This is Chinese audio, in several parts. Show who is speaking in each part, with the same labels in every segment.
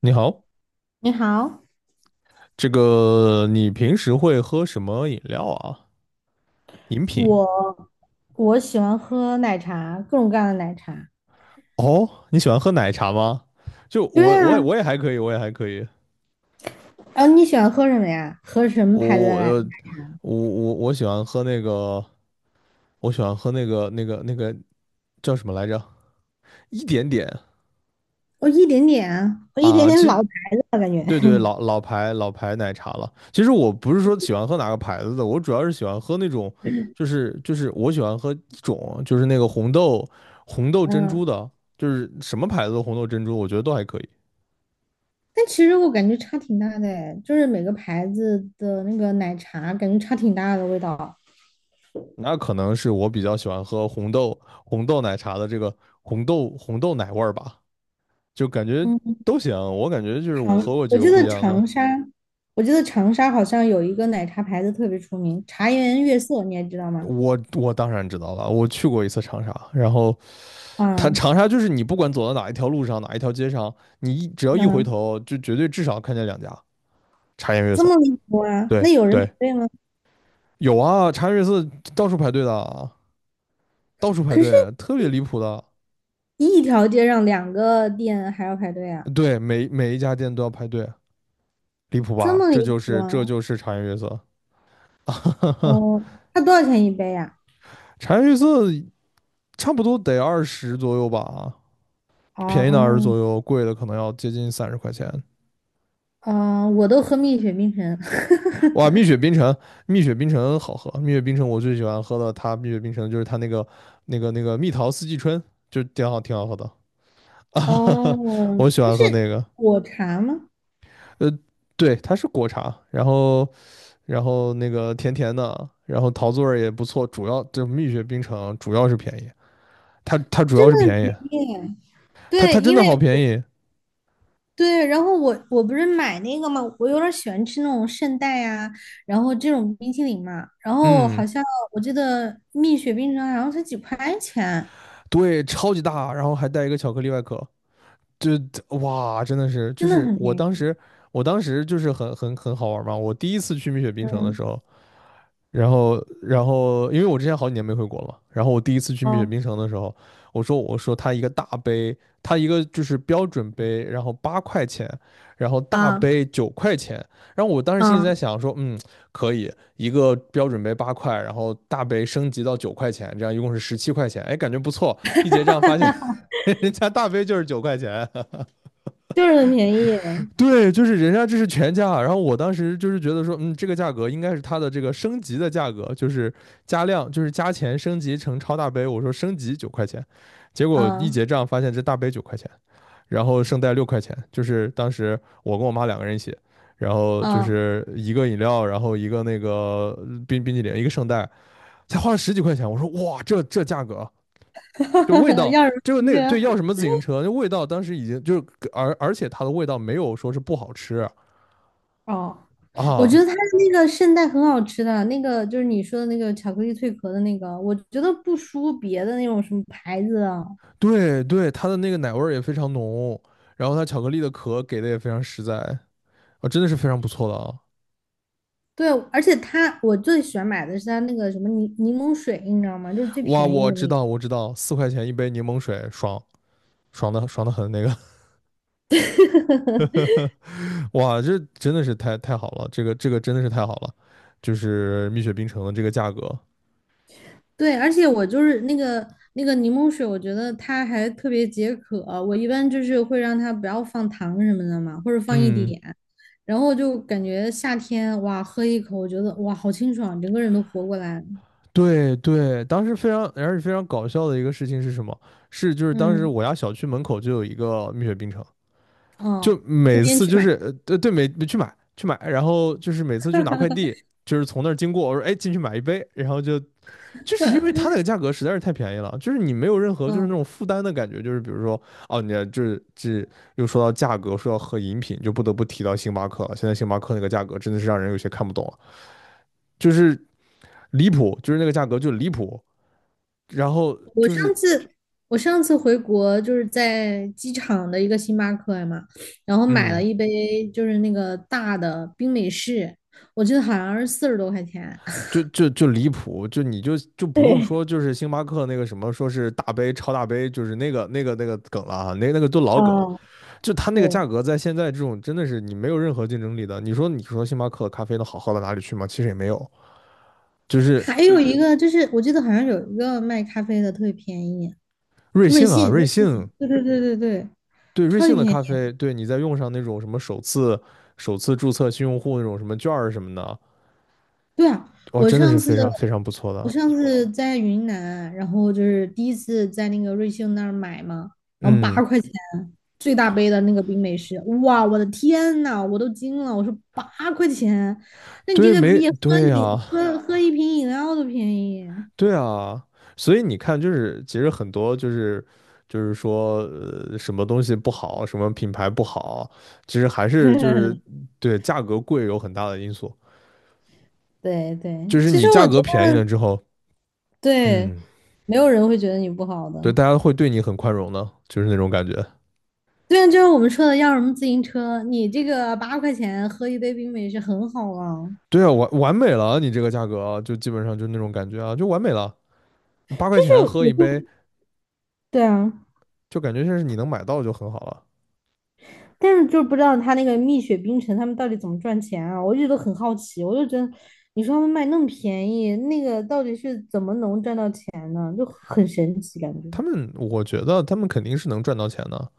Speaker 1: 你好，
Speaker 2: 你好，
Speaker 1: 这个你平时会喝什么饮料啊？饮品？
Speaker 2: 我我喜欢喝奶茶，各种各样的奶茶。
Speaker 1: 哦，你喜欢喝奶茶吗？就
Speaker 2: 对
Speaker 1: 我，我也
Speaker 2: 啊，
Speaker 1: 我也还可以，我也还可以。
Speaker 2: 然后你喜欢喝什么呀？喝什么牌子的
Speaker 1: 我
Speaker 2: 奶
Speaker 1: 呃，我喜欢喝那个，我喜欢喝那个叫什么来着？一点点。
Speaker 2: 我一点点啊，我一点
Speaker 1: 啊，
Speaker 2: 点
Speaker 1: 其实
Speaker 2: 老牌子了，感觉。
Speaker 1: 对对，老牌奶茶了。其实我不是说喜欢喝哪个牌子的，我主要是喜欢喝那种，就是我喜欢喝一种，就是那个红豆珍珠
Speaker 2: 嗯，
Speaker 1: 的，就是什么牌子的红豆珍珠，我觉得都还可以。
Speaker 2: 但其实我感觉差挺大的诶，就是每个牌子的那个奶茶，感觉差挺大的味道。
Speaker 1: 那可能是我比较喜欢喝红豆奶茶的这个红豆奶味儿吧，就感觉
Speaker 2: 嗯，
Speaker 1: 都行。我感觉就是我
Speaker 2: 长，
Speaker 1: 喝过几
Speaker 2: 我
Speaker 1: 个
Speaker 2: 记
Speaker 1: 不一
Speaker 2: 得
Speaker 1: 样的。
Speaker 2: 长沙，我记得长沙好像有一个奶茶牌子特别出名，茶颜悦色，你还知道吗？
Speaker 1: 我当然知道了，我去过一次长沙，然后它
Speaker 2: 啊，
Speaker 1: 长沙就是你不管走到哪一条路上，哪一条街上，你只要一回
Speaker 2: 嗯，
Speaker 1: 头，就绝对至少看见2家茶颜悦
Speaker 2: 这
Speaker 1: 色。
Speaker 2: 么离谱啊？那
Speaker 1: 对
Speaker 2: 有人排
Speaker 1: 对，
Speaker 2: 队吗？
Speaker 1: 有啊，茶颜悦色到处排队的，到处排
Speaker 2: 可是
Speaker 1: 队，特别
Speaker 2: 一
Speaker 1: 离谱的。
Speaker 2: 一条街上两个店还要排队啊，
Speaker 1: 对，每一家店都要排队，离谱
Speaker 2: 这
Speaker 1: 吧？
Speaker 2: 么离
Speaker 1: 这就
Speaker 2: 谱
Speaker 1: 是
Speaker 2: 啊？
Speaker 1: 茶颜悦色。
Speaker 2: 哦，它多少钱一杯呀、
Speaker 1: 茶颜悦色差不多得二十左右吧，
Speaker 2: 啊
Speaker 1: 便宜的二十
Speaker 2: 哦，
Speaker 1: 左右，贵的可能要接近30块钱。
Speaker 2: 哦，啊我都喝蜜雪冰城。
Speaker 1: 哇，蜜 雪冰城。蜜雪冰城好喝。蜜雪冰城我最喜欢喝的，它蜜雪冰城就是它那个蜜桃四季春，就挺好喝的。啊
Speaker 2: 哦，
Speaker 1: 我喜
Speaker 2: 它
Speaker 1: 欢
Speaker 2: 是
Speaker 1: 喝那个。
Speaker 2: 果茶吗？
Speaker 1: 呃，对，它是果茶，然后那个甜甜的，然后桃子味儿也不错。主要这蜜雪冰城主要是便宜，它
Speaker 2: 它
Speaker 1: 主
Speaker 2: 真
Speaker 1: 要是
Speaker 2: 的很
Speaker 1: 便宜，
Speaker 2: 便宜啊。
Speaker 1: 它
Speaker 2: 对，
Speaker 1: 它真
Speaker 2: 因
Speaker 1: 的
Speaker 2: 为
Speaker 1: 好便
Speaker 2: 我
Speaker 1: 宜。
Speaker 2: 对，然后我不是买那个嘛，我有点儿喜欢吃那种圣代啊，然后这种冰淇淋嘛，然后
Speaker 1: 嗯，
Speaker 2: 好像我记得蜜雪冰城好像才几块钱，
Speaker 1: 对，超级大，然后还带一个巧克力外壳。就哇，真的是，就
Speaker 2: 真的
Speaker 1: 是
Speaker 2: 很
Speaker 1: 我
Speaker 2: 便
Speaker 1: 当
Speaker 2: 宜。
Speaker 1: 时，我当时就是很好玩嘛。我第一次去蜜雪冰城的时
Speaker 2: 嗯，
Speaker 1: 候，然后因为我之前好几年没回国了嘛，然后我第一次去
Speaker 2: 哦
Speaker 1: 蜜雪冰城的时候，我说他一个大杯，他一个就是标准杯，然后八块钱，然后大
Speaker 2: 啊。
Speaker 1: 杯九块钱。然后我当时心里在
Speaker 2: 嗯，
Speaker 1: 想说，嗯，可以一个标准杯八块，然后大杯升级到九块钱，这样一共是17块钱，哎，感觉不错。一结账发现 人家大杯就是9块钱。
Speaker 2: 就是很便宜，
Speaker 1: 对，就是人家这是全价，然后我当时就是觉得说，嗯，这个价格应该是它的这个升级的价格，就是加量，就是加钱升级成超大杯。我说升级九块钱，结果一
Speaker 2: 嗯
Speaker 1: 结账发现这大杯九块钱，然后圣代6块钱。就是当时我跟我妈2个人一起，然后就
Speaker 2: 嗯，
Speaker 1: 是一个饮料，然后一个那个冰淇淋，一个圣代，才花了十几块钱。我说哇，这价格啊，就味 道，
Speaker 2: 要是
Speaker 1: 就
Speaker 2: 停
Speaker 1: 那个
Speaker 2: 车？
Speaker 1: 对，要什么自行车？那味道当时已经就是，而且它的味道没有说是不好吃。
Speaker 2: 哦，我
Speaker 1: 啊，
Speaker 2: 觉得他的那个圣代很好吃的，那个就是你说的那个巧克力脆壳的那个，我觉得不输别的那种什么牌子啊。
Speaker 1: 对对，它的那个奶味儿也非常浓，然后它巧克力的壳给的也非常实在。啊，真的是非常不错的啊！
Speaker 2: 对，而且他我最喜欢买的是他那个什么柠柠檬水，你知道吗？就是最
Speaker 1: 哇，
Speaker 2: 便宜
Speaker 1: 我
Speaker 2: 的
Speaker 1: 知
Speaker 2: 那个。
Speaker 1: 道，我知道，4块钱一杯柠檬水，爽，爽的很那个。哇，这真的是太好了，这个真的是太好了，就是蜜雪冰城的这个价格。
Speaker 2: 对，而且我就是那个那个柠檬水，我觉得它还特别解渴。我一般就是会让它不要放糖什么的嘛，或者放一
Speaker 1: 嗯。
Speaker 2: 点，然后就感觉夏天哇，喝一口，我觉得哇，好清爽，整个人都活过来了。
Speaker 1: 对对，当时非常，而且非常搞笑的一个事情是什么？是就是当时
Speaker 2: 嗯，
Speaker 1: 我家小区门口就有一个蜜雪冰城，就
Speaker 2: 哦，天
Speaker 1: 每
Speaker 2: 天
Speaker 1: 次
Speaker 2: 去
Speaker 1: 就是
Speaker 2: 买。
Speaker 1: 对对，每去买去买，然后就是每次去拿快递，就是从那儿经过，我说哎进去买一杯，然后就是因为它那个价格实在是太便宜了，就是你没有任何就是那
Speaker 2: 嗯，
Speaker 1: 种负担的感觉。就是比如说哦你就是这又说到价格，说到喝饮品，就不得不提到星巴克了。现在星巴克那个价格真的是让人有些看不懂了，就是离谱，就是那个价格就离谱，然后
Speaker 2: 我
Speaker 1: 就
Speaker 2: 上
Speaker 1: 是
Speaker 2: 次我上次回国就是在机场的一个星巴克嘛，然后买了
Speaker 1: 嗯。
Speaker 2: 一杯就是那个大的冰美式，我记得好像是四十多块钱。
Speaker 1: 就离谱，就你就不用
Speaker 2: 对，
Speaker 1: 说，就是星巴克那个什么，说是大杯超大杯，就是那个梗了啊，那个都老梗了。
Speaker 2: 啊，
Speaker 1: 就它那个价
Speaker 2: 对，
Speaker 1: 格，在现在这种真的是你没有任何竞争力的。你说星巴克的咖啡能好喝到哪里去吗？其实也没有。就是
Speaker 2: 还有一个就是，我记得好像有一个卖咖啡的特别便宜，
Speaker 1: 瑞
Speaker 2: 瑞
Speaker 1: 幸啊，
Speaker 2: 幸，
Speaker 1: 瑞
Speaker 2: 瑞
Speaker 1: 幸
Speaker 2: 幸，对对对对对，
Speaker 1: 对瑞
Speaker 2: 超级
Speaker 1: 幸的
Speaker 2: 便宜。
Speaker 1: 咖啡，对你再用上那种什么首次注册新用户那种什么券儿什么的，
Speaker 2: 对啊，
Speaker 1: 哇，
Speaker 2: 我
Speaker 1: 真的是
Speaker 2: 上次
Speaker 1: 非常非常不错
Speaker 2: 我
Speaker 1: 的。
Speaker 2: 上次在云南，然后就是第一次在那个瑞幸那儿买嘛，然后八
Speaker 1: 嗯，
Speaker 2: 块钱最大杯的那个冰美式，哇，我的天呐，我都惊了，我说八块钱，那你这
Speaker 1: 对，
Speaker 2: 个
Speaker 1: 没
Speaker 2: 比喝
Speaker 1: 对
Speaker 2: 饮
Speaker 1: 呀、
Speaker 2: 喝喝一瓶饮料都便宜。
Speaker 1: 对啊，所以你看，就是其实很多就是说，什么东西不好，什么品牌不好，其实还是就是 对价格贵有很大的因素。
Speaker 2: 对对，
Speaker 1: 就是
Speaker 2: 其实
Speaker 1: 你价
Speaker 2: 我觉
Speaker 1: 格便
Speaker 2: 得
Speaker 1: 宜了之后，
Speaker 2: 对，
Speaker 1: 嗯，
Speaker 2: 没有人会觉得你不好
Speaker 1: 对，
Speaker 2: 的。
Speaker 1: 大家会对你很宽容的，就是那种感觉。
Speaker 2: 对啊，就是我们说的要什么自行车，你这个八块钱喝一杯冰美式很好啊。
Speaker 1: 对啊，完美了啊，你这个价格啊就基本上就那种感觉啊，就完美了。八块
Speaker 2: 就
Speaker 1: 钱
Speaker 2: 是
Speaker 1: 喝
Speaker 2: 我
Speaker 1: 一杯，
Speaker 2: 就对啊，
Speaker 1: 就感觉像是你能买到就很好了。
Speaker 2: 但是就是不知道他那个蜜雪冰城他们到底怎么赚钱啊，我一直都很好奇。我就觉得，你说他们卖那么便宜，那个到底是怎么能赚到钱呢？就很神奇感觉。
Speaker 1: 我觉得他们肯定是能赚到钱的。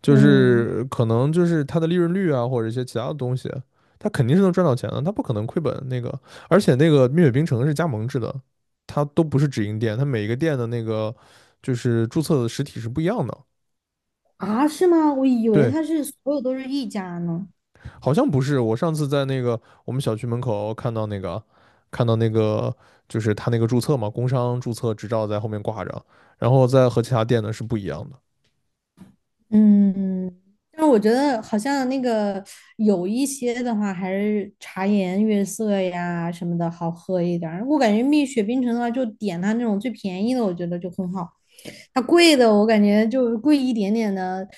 Speaker 1: 就
Speaker 2: 嗯，
Speaker 1: 是可能就是它的利润率啊，或者一些其他的东西，它肯定是能赚到钱的，它不可能亏本那个。而且那个蜜雪冰城是加盟制的，它都不是直营店，它每一个店的那个就是注册的实体是不一样的。
Speaker 2: 啊，是吗？我以为
Speaker 1: 对，
Speaker 2: 他是所有都是一家呢。
Speaker 1: 好像不是。我上次在那个我们小区门口看到那个就是他那个注册嘛，工商注册执照在后面挂着，然后在和其他店的是不一样的。
Speaker 2: 嗯，但是我觉得好像那个有一些的话，还是茶颜悦色呀什么的好喝一点儿。我感觉蜜雪冰城的话，就点它那种最便宜的，我觉得就很好。它贵的我感觉就贵一点点的，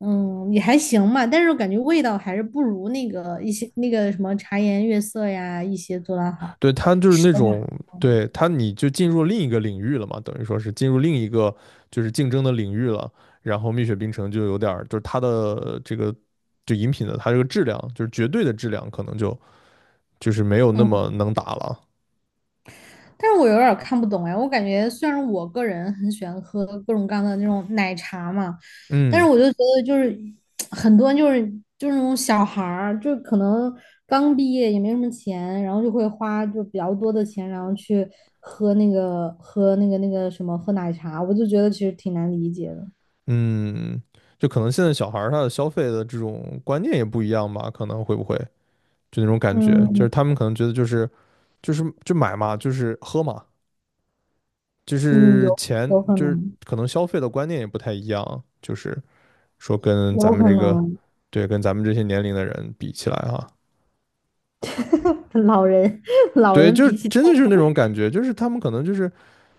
Speaker 2: 嗯，也还行吧。但是我感觉味道还是不如那个一些那个什么茶颜悦色呀一些做的好。
Speaker 1: 对他就是
Speaker 2: 是
Speaker 1: 那
Speaker 2: 的吧？
Speaker 1: 种，对他你就进入另一个领域了嘛，等于说是进入另一个就是竞争的领域了。然后蜜雪冰城就有点儿，就是它的这个就饮品的它这个质量，就是绝对的质量，可能就是没有那么能打了。
Speaker 2: 但是我有点儿看不懂哎，我感觉虽然我个人很喜欢喝各种各样的那种奶茶嘛，但是
Speaker 1: 嗯
Speaker 2: 我就觉得就是 很多就是那种小孩儿，就可能刚毕业也没什么钱，然后就会花就比较多的钱，然后去喝那个喝那个那个什么喝奶茶，我就觉得其实挺难理解的。
Speaker 1: 嗯，就可能现在小孩儿他的消费的这种观念也不一样吧，可能会不会就那种感觉，就
Speaker 2: 嗯
Speaker 1: 是他们可能觉得就是就买嘛，就是喝嘛，就
Speaker 2: 嗯，
Speaker 1: 是
Speaker 2: 有
Speaker 1: 钱
Speaker 2: 有可
Speaker 1: 就是
Speaker 2: 能，
Speaker 1: 可能消费的观念也不太一样，就是。说跟咱
Speaker 2: 有
Speaker 1: 们
Speaker 2: 可
Speaker 1: 这个，
Speaker 2: 能，
Speaker 1: 对，跟咱们这些年龄的人比起来哈，
Speaker 2: 老人 老
Speaker 1: 对，
Speaker 2: 人
Speaker 1: 就是
Speaker 2: 比起
Speaker 1: 真的就是那种感觉，就是他们可能就是，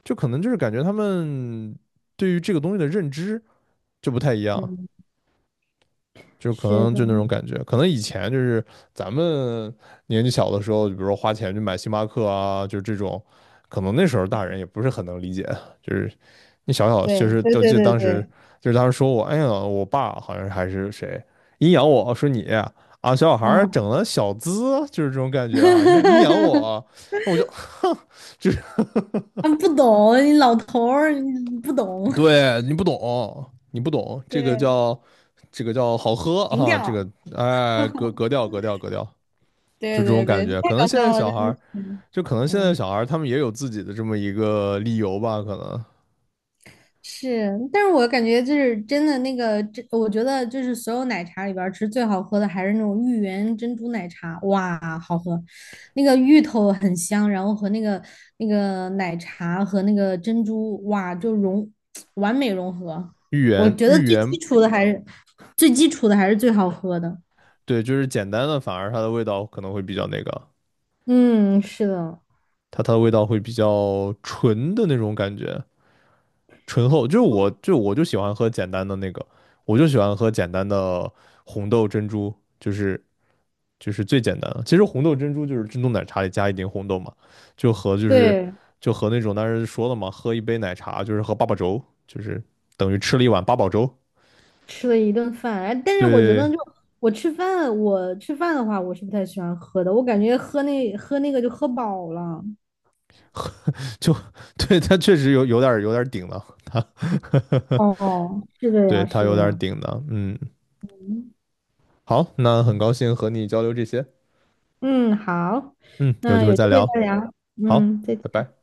Speaker 1: 就可能就是感觉他们对于这个东西的认知就不太一样，
Speaker 2: 嗯，
Speaker 1: 就是可
Speaker 2: 是
Speaker 1: 能就
Speaker 2: 的，
Speaker 1: 那种感觉，可能以前就是咱们年纪小的时候，比如说花钱去买星巴克啊，就是这种，可能那时候大人也不是很能理解，就是那小小就
Speaker 2: 对
Speaker 1: 是，
Speaker 2: 对
Speaker 1: 我
Speaker 2: 对
Speaker 1: 记得
Speaker 2: 对对，
Speaker 1: 当时说我，哎呀，我爸好像还是谁阴阳我说你啊，小小孩儿整
Speaker 2: 嗯。
Speaker 1: 了小资，就是这种感觉啊，阴阳我，我就就是
Speaker 2: 他们不懂，你老头儿你不懂，
Speaker 1: 对，你不懂，你不懂，
Speaker 2: 对，
Speaker 1: 这个叫好喝
Speaker 2: 情
Speaker 1: 啊，这
Speaker 2: 调，
Speaker 1: 个哎格调，
Speaker 2: 对
Speaker 1: 就这
Speaker 2: 对
Speaker 1: 种感
Speaker 2: 对，这
Speaker 1: 觉。
Speaker 2: 太
Speaker 1: 可能
Speaker 2: 搞
Speaker 1: 现在
Speaker 2: 笑了，
Speaker 1: 小孩
Speaker 2: 真的
Speaker 1: 儿，
Speaker 2: 是，
Speaker 1: 就可能现在
Speaker 2: 嗯，
Speaker 1: 小孩儿他们也有自己的这么一个理由吧，可能
Speaker 2: 是，但是我感觉就是真的那个，这我觉得就是所有奶茶里边儿，其实最好喝的还是那种芋圆珍珠奶茶，哇，好喝，那个芋头很香，然后和那个那个奶茶和那个珍珠，哇，就融 完美融合。
Speaker 1: 芋
Speaker 2: 我
Speaker 1: 圆
Speaker 2: 觉得
Speaker 1: 芋圆
Speaker 2: 最基础的还是最好喝的。
Speaker 1: 对，就是简单的，反而它的味道可能会比较那个。
Speaker 2: 嗯，是的，
Speaker 1: 它的味道会比较纯的那种感觉，醇厚。就是我就喜欢喝简单的那个，我就喜欢喝简单的红豆珍珠，就是就是最简单的。其实红豆珍珠就是珍珠奶茶里加一点红豆嘛，就和就是
Speaker 2: 对，
Speaker 1: 就和那种当时说了嘛，喝一杯奶茶就是喝八宝粥，就是等于吃了一碗八宝粥。
Speaker 2: 吃了一顿饭，哎，但是我觉得
Speaker 1: 对，
Speaker 2: 就我吃饭，我吃饭的话，我是不太喜欢喝的，我感觉喝那个就喝饱了。
Speaker 1: 就对，它确实有点有点儿顶了，它
Speaker 2: 哦，是 的呀，
Speaker 1: 对它
Speaker 2: 是
Speaker 1: 有
Speaker 2: 的
Speaker 1: 点
Speaker 2: 呀，
Speaker 1: 顶的。嗯，好，那很高兴和你交流这些，
Speaker 2: 嗯，好，
Speaker 1: 嗯，有机
Speaker 2: 那
Speaker 1: 会
Speaker 2: 有
Speaker 1: 再
Speaker 2: 机会
Speaker 1: 聊。
Speaker 2: 再聊，
Speaker 1: 好，
Speaker 2: 嗯，再
Speaker 1: 拜
Speaker 2: 见。
Speaker 1: 拜。